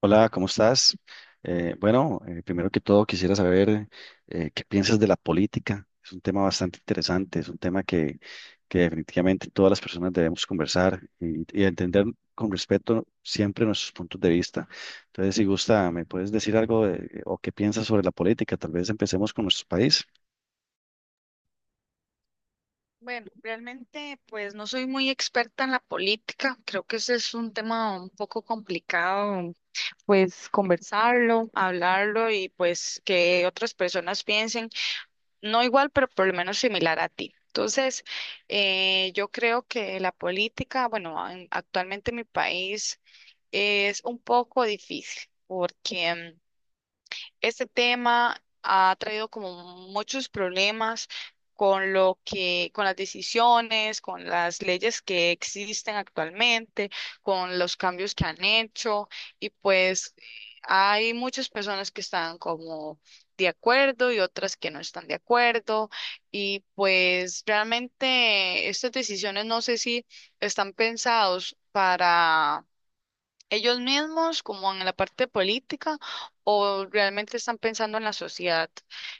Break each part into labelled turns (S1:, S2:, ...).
S1: Hola, ¿cómo estás? Bueno, Primero que todo quisiera saber qué piensas de la política. Es un tema bastante interesante, es un tema que definitivamente todas las personas debemos conversar y entender con respeto siempre nuestros puntos de vista. Entonces, si gusta, ¿me puedes decir algo de- o qué piensas sobre la política? Tal vez empecemos con nuestro país.
S2: Bueno, realmente pues no soy muy experta en la política, creo que ese es un tema un poco complicado, pues conversarlo, hablarlo y pues que otras personas piensen, no igual, pero por lo menos similar a ti. Entonces, yo creo que la política, bueno, actualmente en mi país es un poco difícil porque este tema ha traído como muchos problemas con lo que, con las decisiones, con las leyes que existen actualmente, con los cambios que han hecho y pues hay muchas personas que están como de acuerdo y otras que no están de acuerdo y pues realmente estas decisiones no sé si están pensados para ellos mismos, como en la parte política, o realmente están pensando en la sociedad.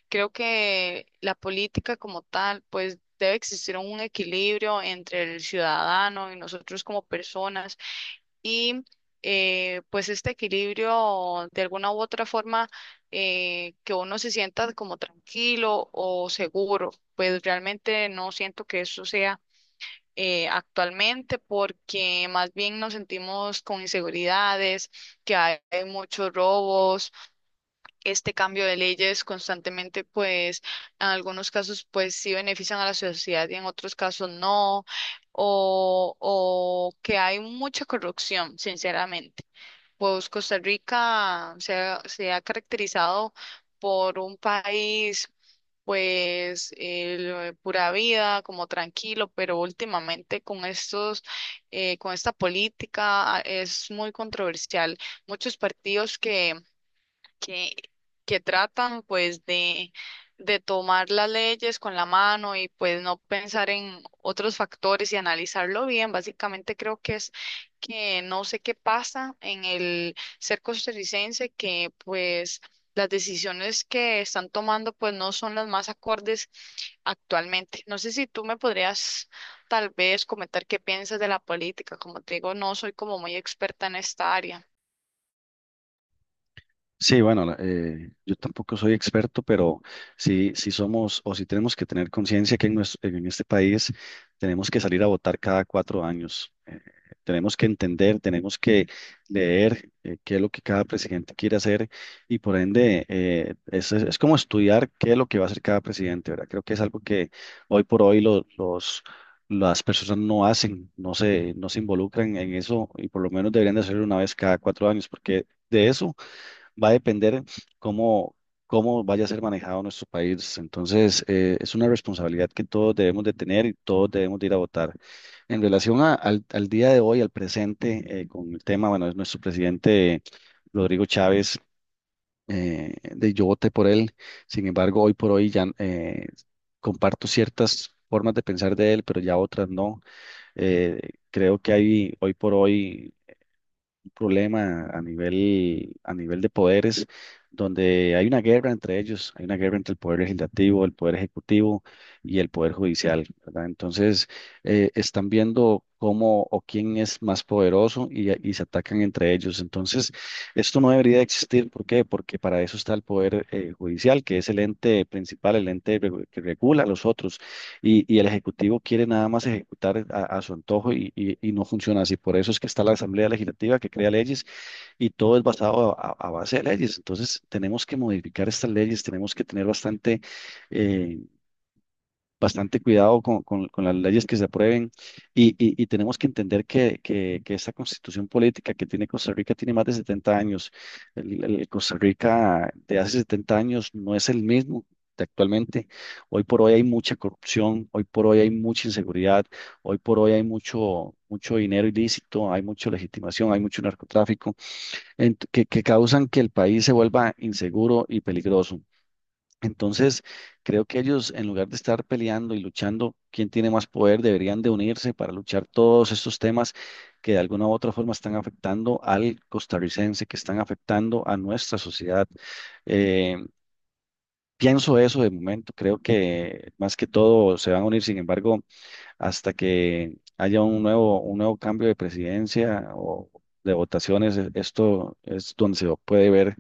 S2: Creo que la política como tal, pues debe existir un equilibrio entre el ciudadano y nosotros como personas. Y pues este equilibrio, de alguna u otra forma, que uno se sienta como tranquilo o seguro. Pues realmente no siento que eso sea actualmente, porque más bien nos sentimos con inseguridades, que hay muchos robos, este cambio de leyes constantemente, pues en algunos casos pues sí benefician a la sociedad y en otros casos no, o que hay mucha corrupción, sinceramente. Pues Costa Rica se ha caracterizado por un país, pues, pura vida, como tranquilo, pero últimamente con estos, con esta política es muy controversial. Muchos partidos que, que tratan pues de tomar las leyes con la mano y pues no pensar en otros factores y analizarlo bien. Básicamente creo que es que no sé qué pasa en el ser costarricense, que pues las decisiones que están tomando pues no son las más acordes actualmente. No sé si tú me podrías tal vez comentar qué piensas de la política. Como te digo, no soy como muy experta en esta área.
S1: Sí, bueno, yo tampoco soy experto, pero sí, sí somos o sí tenemos que tener conciencia que nues- en este país tenemos que salir a votar cada cuatro años. Tenemos que entender, tenemos que leer qué es lo que cada presidente quiere hacer y por ende es, es como estudiar qué es lo que va a hacer cada presidente, ¿verdad? Creo que es algo que hoy por hoy los... Las personas no hacen, no se involucran en eso y por lo menos deberían de hacerlo una vez cada cuatro años, porque de eso va a depender cómo, cómo vaya a ser manejado nuestro país. Entonces, es una responsabilidad que todos debemos de tener y todos debemos de ir a votar. En relación al, al día de hoy, al presente, con el tema, bueno, es nuestro presidente Rodrigo Chávez, de yo voté por él. Sin embargo, hoy por hoy ya comparto ciertas formas de pensar de él, pero ya otras no. Eh, Creo que hay hoy por hoy un problema a nivel de poderes, donde hay una guerra entre ellos, hay una guerra entre el poder legislativo, el poder ejecutivo y el poder judicial, ¿verdad? Entonces, están viendo cómo o quién es más poderoso y se atacan entre ellos. Entonces, esto no debería de existir. ¿Por qué? Porque para eso está el poder judicial, que es el ente principal, el que regula a los otros y el Ejecutivo quiere nada más ejecutar a, su antojo y, y no funciona así. Por eso es que está la Asamblea Legislativa que crea leyes y todo es basado a, a base de leyes. Entonces tenemos que modificar estas leyes, tenemos que tener bastante eh, bastante cuidado con, con las leyes que se aprueben y, y tenemos que entender que esta constitución política que tiene Costa Rica tiene más de 70 años. El Costa Rica de hace 70 años no es el mismo. De Actualmente, hoy por hoy hay mucha corrupción, hoy por hoy hay mucha inseguridad, hoy por hoy hay mucho dinero ilícito, hay mucha legitimación, hay mucho narcotráfico que causan que el país se vuelva inseguro y peligroso. Entonces, creo que ellos, en lugar de estar peleando y luchando quién tiene más poder, deberían de unirse para luchar todos estos temas que de alguna u otra forma están afectando al costarricense, que están afectando a nuestra sociedad. Eh, Pienso eso de momento, creo que más que todo se van a unir, sin embargo hasta que haya un nuevo cambio de presidencia o de votaciones, e- esto es donde se puede ver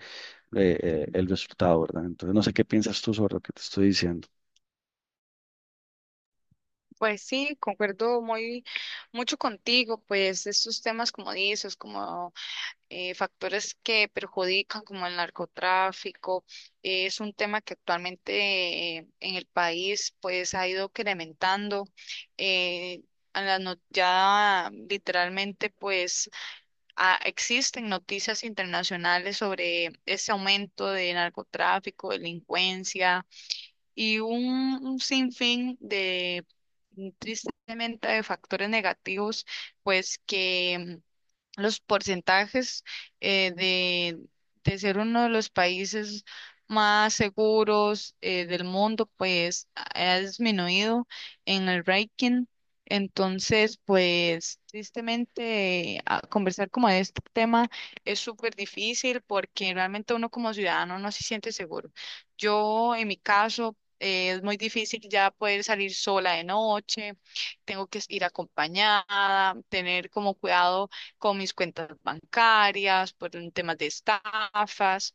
S1: el resultado, ¿verdad? Entonces, no sé qué piensas tú sobre lo que te estoy diciendo.
S2: Pues sí, concuerdo muy mucho contigo, pues estos temas como dices, como factores que perjudican como el narcotráfico, es un tema que actualmente, en el país pues ha ido incrementando. Eh, a la no- Ya literalmente pues existen noticias internacionales sobre ese aumento de narcotráfico, delincuencia y un sinfín de, tristemente, de factores negativos, pues que los porcentajes eh, de, de ser uno de los países más seguros del mundo, pues ha disminuido en el ranking. Entonces, pues tristemente, conversar como de este tema es súper difícil porque realmente uno como ciudadano no se siente seguro. Yo, en mi caso, es muy difícil ya poder salir sola de noche, tengo que ir acompañada, tener como cuidado con mis cuentas bancarias, por un tema de estafas,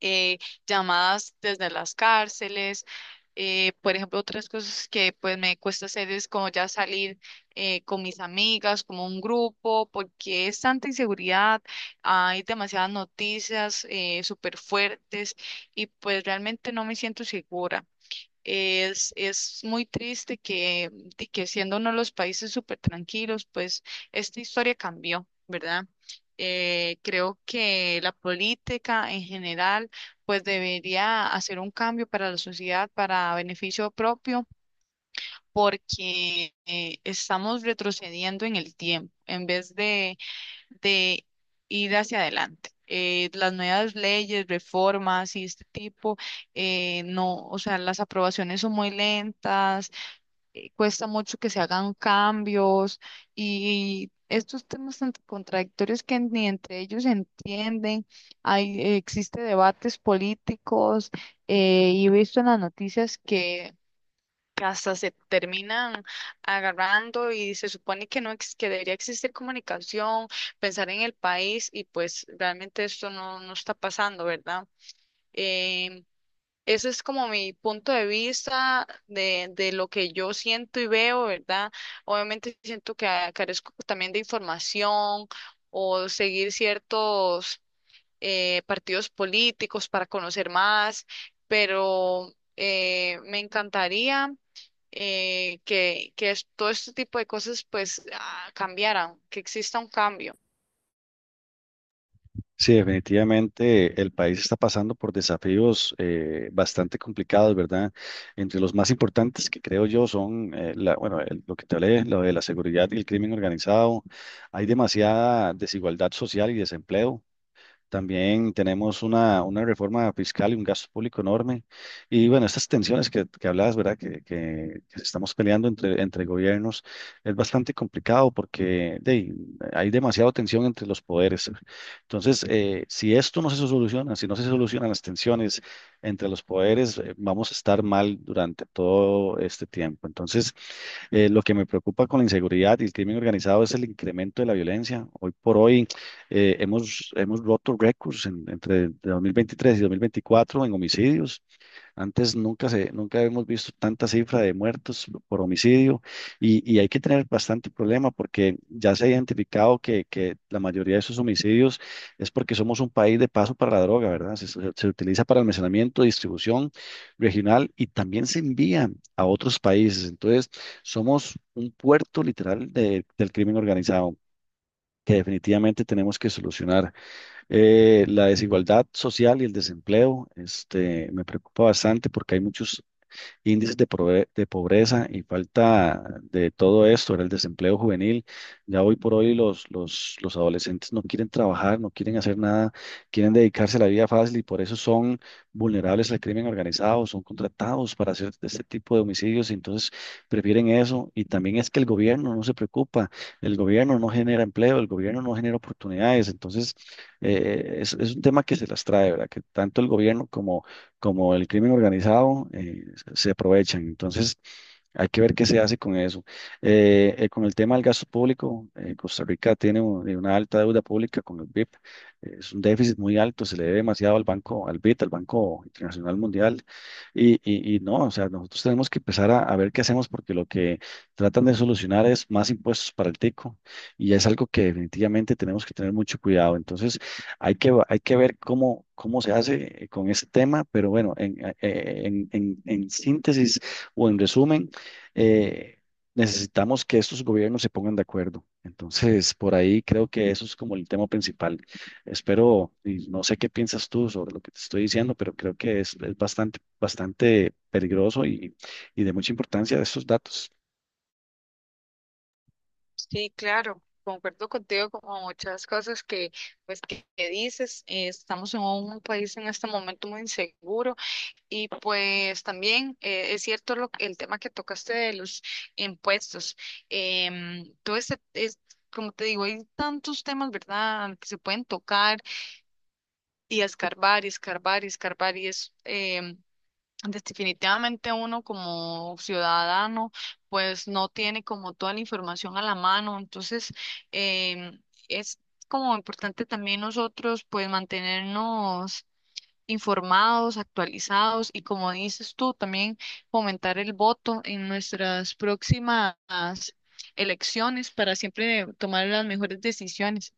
S2: eh, llamadas desde las cárceles. Por ejemplo, otras cosas que pues me cuesta hacer es como ya salir con mis amigas, como un grupo, porque es tanta inseguridad, hay demasiadas noticias súper fuertes y pues realmente no me siento segura. Es muy triste que, de que siendo uno de los países súper tranquilos, pues esta historia cambió, ¿verdad? Creo que la política en general, pues debería hacer un cambio para la sociedad, para beneficio propio, porque estamos retrocediendo en el tiempo. En vez de ir hacia adelante. Las nuevas leyes, reformas y este tipo, no, o sea, las aprobaciones son muy lentas, cuesta mucho que se hagan cambios y estos temas tan contradictorios que ni entre ellos se entienden, hay, existe debates políticos y he visto en las noticias que hasta se terminan agarrando y se supone que no ex- que debería existir comunicación, pensar en el país y pues realmente esto no, no está pasando, ¿verdad? Em, Ese es como mi punto de vista de lo que yo siento y veo, ¿verdad? Obviamente siento que carezco también de información o seguir ciertos partidos políticos para conocer más, pero me encantaría todo este tipo de cosas pues cambiaran, que exista un cambio.
S1: Sí, definitivamente el país está pasando por desafíos bastante complicados, ¿verdad? Entre los más importantes que creo yo son, la, bueno, el- lo que te hablé, lo de la seguridad y el crimen organizado. Hay demasiada desigualdad social y desempleo. También tenemos una reforma fiscal y un gasto público enorme. Y bueno, estas tensiones que hablabas, ¿verdad? Que, que estamos peleando entre, entre gobiernos, es bastante complicado porque de ahí, hay demasiada tensión entre los poderes. Entonces, si esto no se soluciona, si no se solucionan las tensiones entre los poderes, vamos a estar mal durante todo este tiempo. Entonces, lo que me preocupa con la inseguridad y el crimen organizado es el incremento de la violencia. Hoy por hoy hemos roto récords en- entre 2023 y 2024 en homicidios. Antes nunca se, nunca habíamos visto tanta cifra de muertos por homicidio y hay que tener bastante problema porque ya se ha identificado que la mayoría de esos homicidios es porque somos un país de paso para la droga, ¿verdad? Se, se utiliza para almacenamiento, distribución regional y también se envía a otros países. Entonces, somos un puerto literal del crimen organizado que definitivamente tenemos que solucionar. La desigualdad social y el desempleo, este, me preocupa bastante porque hay muchos índices de, de pobreza y falta de todo esto, era el desempleo juvenil. Ya hoy por hoy los adolescentes no quieren trabajar, no quieren hacer nada, quieren dedicarse a la vida fácil y por eso son vulnerables al crimen organizado, son contratados para hacer este tipo de homicidios y entonces prefieren eso. Y también es que el gobierno no se preocupa, el gobierno no genera empleo, el gobierno no genera oportunidades, entonces es un tema que se las trae, ¿verdad? Que tanto el gobierno como el crimen organizado, se aprovechan. Entonces, hay que ver qué se hace con eso. Con el tema del gasto público, Costa Rica tiene una alta deuda pública con el BIP. Es un déficit muy alto, se le debe demasiado al banco, al BIT, al Banco Internacional Mundial. Y no, o sea, nosotros tenemos que empezar a, ver qué hacemos porque lo que tratan de solucionar es más impuestos para el tico y es algo que definitivamente tenemos que tener mucho cuidado. Entonces, hay que ver cómo, cómo se hace con ese tema, pero bueno, en, en síntesis o en resumen, eh, necesitamos que estos gobiernos se pongan de acuerdo. Entonces, por ahí creo que eso es como el tema principal. Espero, y no sé qué piensas tú sobre lo que te estoy diciendo, pero creo que es bastante, bastante peligroso y de mucha importancia estos datos.
S2: Sí, claro, concuerdo contigo como muchas cosas que que dices. Estamos en un país en este momento muy inseguro y pues también, es cierto el tema que tocaste de los impuestos. Todo este es, como te digo, hay tantos temas, ¿verdad?, que se pueden tocar y escarbar y escarbar y escarbar y es pues, definitivamente uno como ciudadano pues no tiene como toda la información a la mano, entonces em, es como importante también nosotros pues mantenernos informados, actualizados y como dices tú, también fomentar el voto en nuestras próximas elecciones para siempre tomar las mejores decisiones.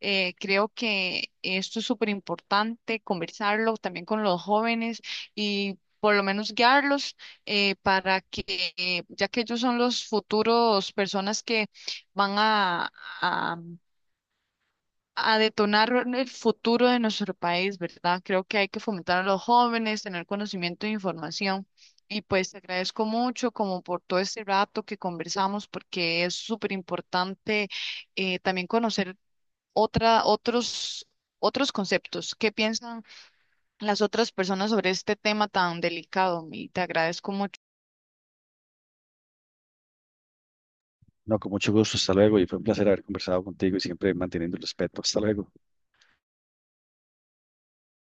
S2: Creo que esto es súper importante, conversarlo también con los jóvenes y por lo menos guiarlos, para que, ya que ellos son los futuros personas que van a detonar el futuro de nuestro país, ¿verdad? Creo que hay que fomentar a los jóvenes, tener conocimiento e información. Y pues te agradezco mucho como por todo este rato que conversamos, porque es súper importante, también conocer otra, otros, otros conceptos. ¿Qué piensan las otras personas sobre este tema tan delicado? Y te agradezco mucho.
S1: No, con mucho gusto, hasta luego y fue un placer haber conversado contigo y siempre manteniendo el respeto. Hasta luego.